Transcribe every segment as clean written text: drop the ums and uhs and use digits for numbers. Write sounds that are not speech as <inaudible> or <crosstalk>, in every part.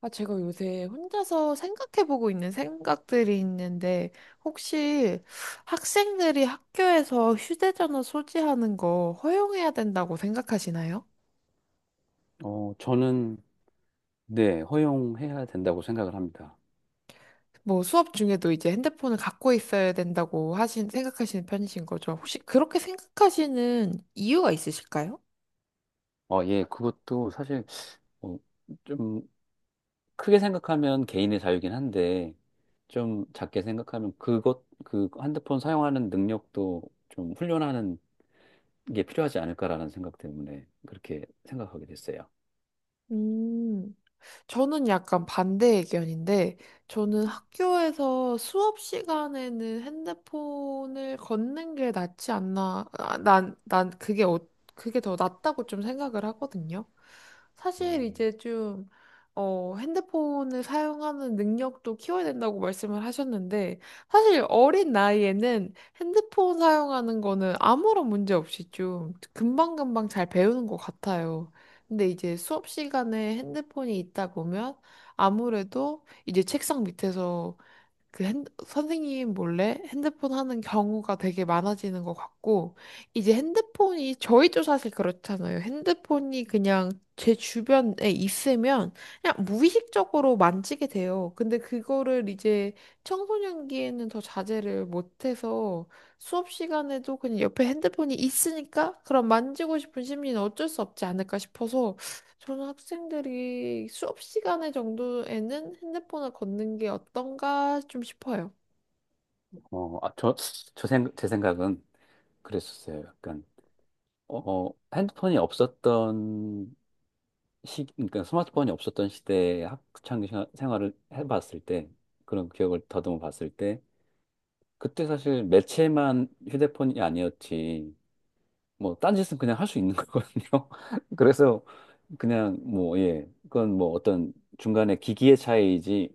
아, 제가 요새 혼자서 생각해보고 있는 생각들이 있는데, 혹시 학생들이 학교에서 휴대전화 소지하는 거 허용해야 된다고 생각하시나요? 저는, 네, 허용해야 된다고 생각을 합니다. 뭐 수업 중에도 이제 핸드폰을 갖고 있어야 된다고 생각하시는 편이신 거죠? 혹시 그렇게 생각하시는 이유가 있으실까요? 그것도 사실, 어, 좀, 크게 생각하면 개인의 자유긴 한데, 좀 작게 생각하면 그 핸드폰 사용하는 능력도 좀 훈련하는 게 필요하지 않을까라는 생각 때문에 그렇게 생각하게 됐어요. 음. 저는 약간 반대 의견인데, 저는 학교에서 수업 시간에는 핸드폰을 걷는 게 낫지 않나, 그게 더 낫다고 좀 생각을 하거든요. 사실 음, 이제 좀, 핸드폰을 사용하는 능력도 키워야 된다고 말씀을 하셨는데, 사실 어린 나이에는 핸드폰 사용하는 거는 아무런 문제 없이 좀 금방금방 잘 배우는 것 같아요. 근데 이제 수업 시간에 핸드폰이 있다 보면 아무래도 이제 책상 밑에서 선생님 몰래 핸드폰 하는 경우가 되게 많아지는 것 같고, 이제 핸드폰이 저희도 사실 그렇잖아요. 핸드폰이 그냥 제 주변에 있으면 그냥 무의식적으로 만지게 돼요. 근데 그거를 이제 청소년기에는 더 자제를 못해서 수업 시간에도 그냥 옆에 핸드폰이 있으니까 그럼 만지고 싶은 심리는 어쩔 수 없지 않을까 싶어서 저는 학생들이 수업 시간에 정도에는 핸드폰을 걷는 게 어떤가 좀 싶어요. 어, 아, 저, 제 생각은 그랬었어요. 어, 핸드폰이 없었던 그러니까 스마트폰이 없었던 시대의 생활을 해봤을 때, 그런 기억을 더듬어 봤을 때, 그때 사실 매체만 휴대폰이 아니었지, 뭐, 딴짓은 그냥 할 수 있는 <laughs> 거거든요. 그래서 그냥 뭐, 예, 그건 뭐 어떤 중간에 기기의 차이이지,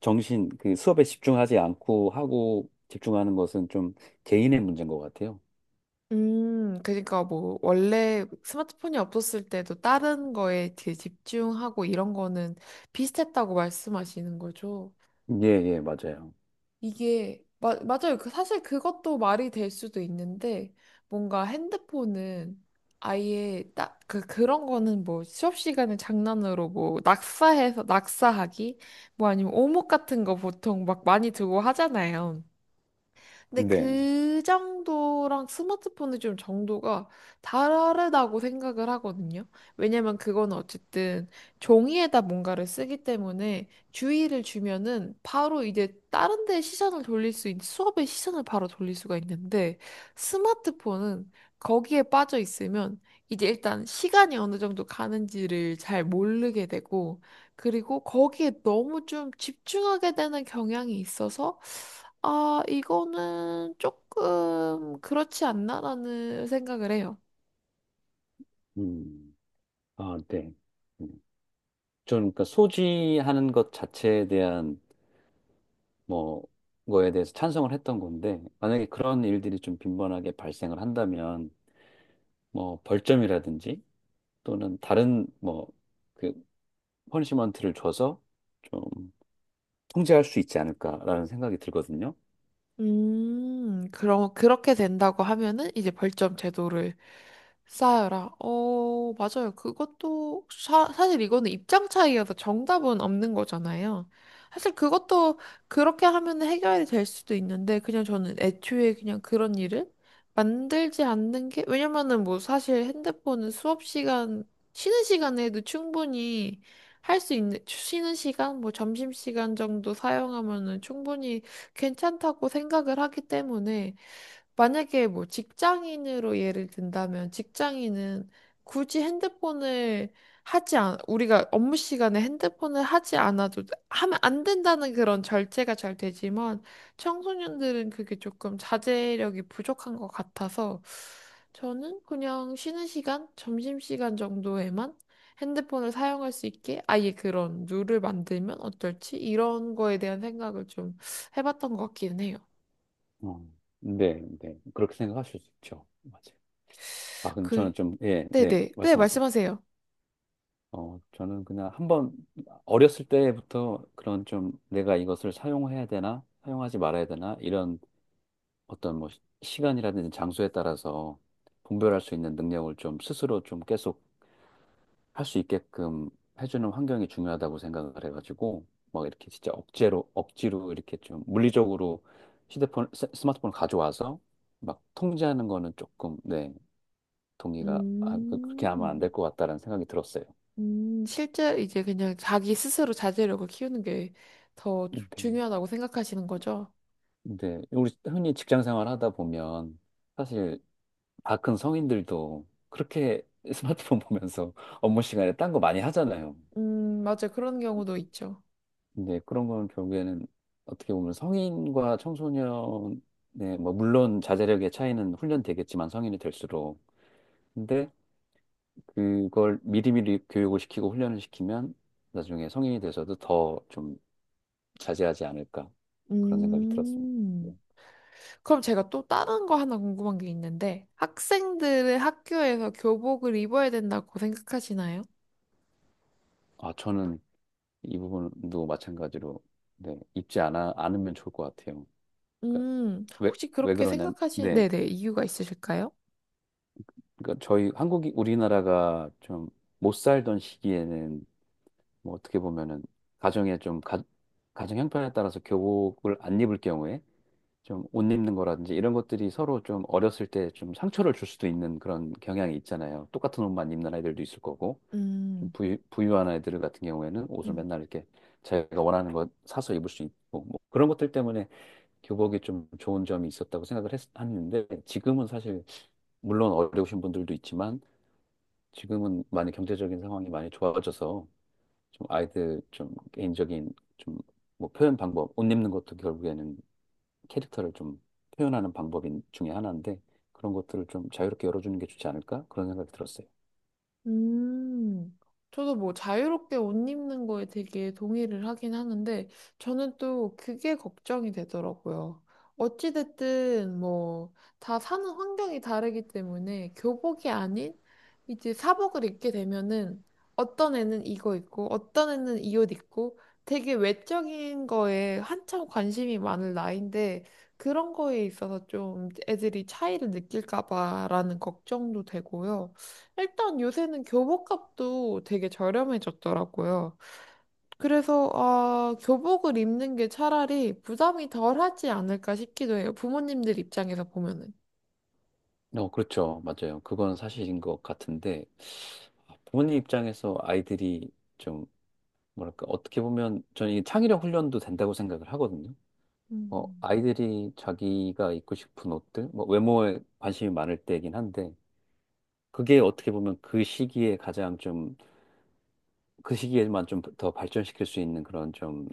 그 수업에 집중하지 않고 하고 집중하는 것은 좀 개인의 문제인 것 같아요. 그러니까 뭐 원래 스마트폰이 없었을 때도 다른 거에 되게 집중하고 이런 거는 비슷했다고 말씀하시는 거죠. 예, 예, 맞아요. 이게 맞아요. 그 사실 그것도 말이 될 수도 있는데 뭔가 핸드폰은 아예 딱 그 그런 거는 뭐 수업 시간에 장난으로 뭐 낙사해서 낙사하기 뭐 아니면 오목 같은 거 보통 막 많이 두고 하잖아요. 근데 네. 그 정도랑 스마트폰은 좀 정도가 다르다고 생각을 하거든요. 왜냐면 그건 어쨌든 종이에다 뭔가를 쓰기 때문에 주의를 주면은 바로 이제 다른 데 시선을 돌릴 수 있는 수업의 시선을 바로 돌릴 수가 있는데 스마트폰은 거기에 빠져 있으면 이제 일단 시간이 어느 정도 가는지를 잘 모르게 되고, 그리고 거기에 너무 좀 집중하게 되는 경향이 있어서 아, 이거는 조금 그렇지 않나라는 생각을 해요. 음, 아, 네. 음. 저는 그러니까 소지하는 것 자체에 대한 뭐 거에 대해서 찬성을 했던 건데 만약에 그런 일들이 좀 빈번하게 발생을 한다면 뭐 벌점이라든지 또는 다른 뭐그 퍼니시먼트를 줘서 좀 통제할 수 있지 않을까라는 생각이 들거든요. 그럼 그렇게 된다고 하면은 이제 벌점 제도를 쌓아라. 어, 맞아요. 그것도 사실 이거는 입장 차이여서 정답은 없는 거잖아요. 사실 그것도 그렇게 하면 해결이 될 수도 있는데 그냥 저는 애초에 그냥 그런 일을 만들지 않는 게, 왜냐면은 뭐 사실 핸드폰은 수업 시간 쉬는 시간에도 충분히 할 수 있는 쉬는 시간 뭐 점심 시간 정도 사용하면은 충분히 괜찮다고 생각을 하기 때문에, 만약에 뭐 직장인으로 예를 든다면 직장인은 굳이 핸드폰을 우리가 업무 시간에 핸드폰을 하지 않아도 하면 안 된다는 그런 절제가 잘 되지만 청소년들은 그게 조금 자제력이 부족한 것 같아서 저는 그냥 쉬는 시간, 점심시간 정도에만 핸드폰을 사용할 수 있게 아예 그런 룰을 만들면 어떨지 이런 거에 대한 생각을 좀 해봤던 것 같기는 해요. 어. 네, 네. 그렇게 생각하실 수 있죠. 맞아요. 아, 근데 그, 저는 좀, 예, 네, 네네. 네, 말씀하세요. 말씀하세요. 저는 그냥 한번 어렸을 때부터 그런 좀 내가 이것을 사용해야 되나, 사용하지 말아야 되나, 이런 어떤 뭐 시간이라든지 장소에 따라서 분별할 수 있는 능력을 좀 스스로 좀 계속 할 수 있게끔 해주는 환경이 중요하다고 생각을 해가지고 막 이렇게 진짜 억제로 억지로 이렇게 좀 물리적으로 스마트폰을 가져와서 막 통제하는 거는 조금 네 그렇게 하면 안 될 음, 것 같다라는 생각이 들었어요. 실제 이제 그냥 자기 스스로 자제력을 키우는 게 더 근데 중요하다고 생각하시는 거죠? 근데 우리 흔히 직장 생활 하다 보면 사실 다 큰 성인들도 그렇게 스마트폰 보면서 <laughs> 업무 시간에 딴 거 많이 하잖아요. 맞아요. 그런 경우도 있죠. 근데 그런 거는 결국에는 어떻게 보면 성인과 청소년의 뭐 물론 자제력의 차이는 훈련되겠지만 성인이 될수록 근데 그걸 미리미리 교육을 시키고 훈련을 시키면 나중에 성인이 돼서도 더 좀 자제하지 않을까 그런 생각이 들었습니다. 네. 음, 그럼 제가 또 다른 거 하나 궁금한 게 있는데, 학생들은 학교에서 교복을 입어야 된다고 생각하시나요? 아 저는 이 부분도 마찬가지로 네, 입지 않아 않으면 좋을 것 같아요. 그러니까 혹시 왜 그렇게 그러냐면 생각하시는, 네. 네네, 이유가 있으실까요? 그러니까 저희 한국이 우리나라가 좀 못 살던 시기에는 뭐 어떻게 보면은 가정에 좀 가, 가정 형편에 따라서 교복을 안 입을 경우에 좀 옷 입는 거라든지 이런 것들이 서로 좀 어렸을 때 좀 상처를 줄 수도 있는 그런 경향이 있잖아요. 똑같은 옷만 입는 아이들도 있을 거고 좀 음, 부유, 부유한 아이들 같은 경우에는 옷을 음. 맨날 이렇게 자기가 원하는 것 사서 입을 수 있고 뭐 그런 것들 때문에 교복이 좀 좋은 점이 있었다고 했는데 지금은 사실 물론 어려우신 분들도 있지만 지금은 많이 경제적인 상황이 많이 좋아져서 좀 아이들 좀 개인적인 좀 뭐 표현 방법, 옷 입는 것도 결국에는 캐릭터를 좀 표현하는 방법인 중에 하나인데 그런 것들을 좀 자유롭게 열어주는 게 좋지 않을까? 그런 생각이 들었어요. 음, 저도 뭐 자유롭게 옷 입는 거에 되게 동의를 하긴 하는데, 저는 또 그게 걱정이 되더라고요. 어찌됐든 뭐, 다 사는 환경이 다르기 때문에 교복이 아닌 이제 사복을 입게 되면은 어떤 애는 이거 입고, 어떤 애는 이 옷 입고, 되게 외적인 거에 한참 관심이 많은 나이인데, 그런 거에 있어서 좀 애들이 차이를 느낄까 봐라는 걱정도 되고요. 일단 요새는 교복값도 되게 저렴해졌더라고요. 그래서, 아, 교복을 입는 게 차라리 부담이 덜하지 않을까 싶기도 해요. 부모님들 입장에서 보면은. 어, 그렇죠. 맞아요. 그건 사실인 것 같은데 부모님 입장에서 아이들이 좀 뭐랄까 어떻게 보면 저는 이 창의력 훈련도 된다고 생각을 하거든요. 어, 음. 아이들이 자기가 입고 싶은 옷들, 뭐 외모에 관심이 많을 때이긴 한데 그게 어떻게 보면 그 시기에 가장 좀, 그 시기에만 좀 더 발전시킬 수 있는 그런 좀,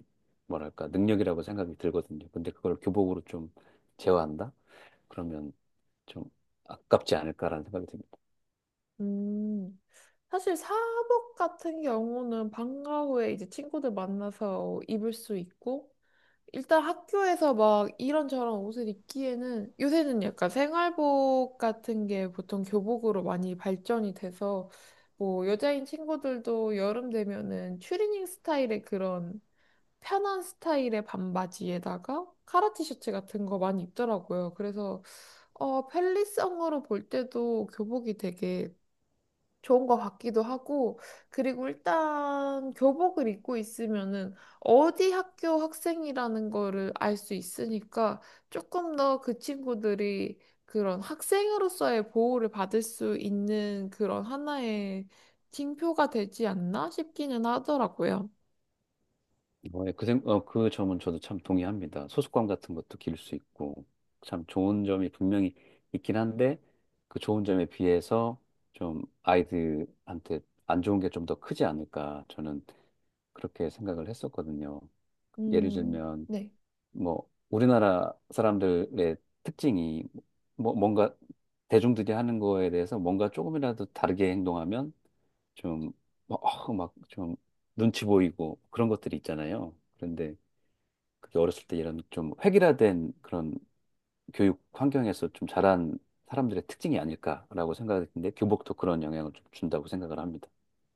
뭐랄까, 능력이라고 생각이 들거든요. 근데 그걸 교복으로 좀 제어한다? 그러면 좀 아깝지 않을까라는 생각이 듭니다. 음, 사실 사복 같은 경우는 방과 후에 이제 친구들 만나서 입을 수 있고, 일단 학교에서 막 이런저런 옷을 입기에는 요새는 약간 생활복 같은 게 보통 교복으로 많이 발전이 돼서 뭐 여자인 친구들도 여름 되면은 추리닝 스타일의 그런 편한 스타일의 반바지에다가 카라 티셔츠 같은 거 많이 입더라고요. 그래서 어 편리성으로 볼 때도 교복이 되게 좋은 것 같기도 하고, 그리고 일단 교복을 입고 있으면은 어디 학교 학생이라는 거를 알 수 있으니까 조금 더 그 친구들이 그런 학생으로서의 보호를 받을 수 있는 그런 하나의 징표가 되지 않나 싶기는 하더라고요. 그 점은 저도 참 동의합니다. 소속감 같은 것도 기를 수 있고, 참 좋은 점이 분명히 있긴 한데, 그 좋은 점에 비해서 좀 아이들한테 안 좋은 게 좀 더 크지 않을까, 저는 그렇게 생각을 했었거든요. 예를 들면, 네. 뭐 우리나라 사람들의 특징이 뭔가 대중들이 하는 거에 대해서 뭔가 조금이라도 다르게 행동하면 좀 막좀 눈치 보이고 그런 것들이 있잖아요. 그런데 그게 어렸을 때 이런 좀 획일화된 그런 교육 환경에서 좀 자란 사람들의 특징이 아닐까라고 생각했는데 교복도 그런 영향을 좀 준다고 생각을 합니다.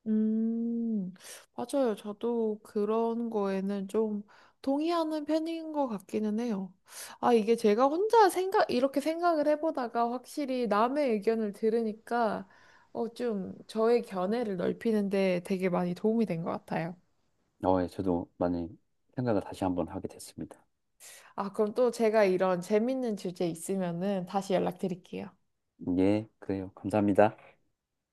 음, 맞아요. 저도 그런 거에는 좀 동의하는 편인 것 같기는 해요. 아, 이게 제가 혼자 생각, 이렇게 생각을 해보다가 확실히 남의 의견을 들으니까 어, 좀 저의 견해를 넓히는데 되게 많이 도움이 된 것 같아요. 어, 예, 저도 많이 생각을 다시 한번 하게 됐습니다. 아, 그럼 또 제가 이런 재밌는 주제 있으면은 다시 연락드릴게요. 예, 그래요. 감사합니다.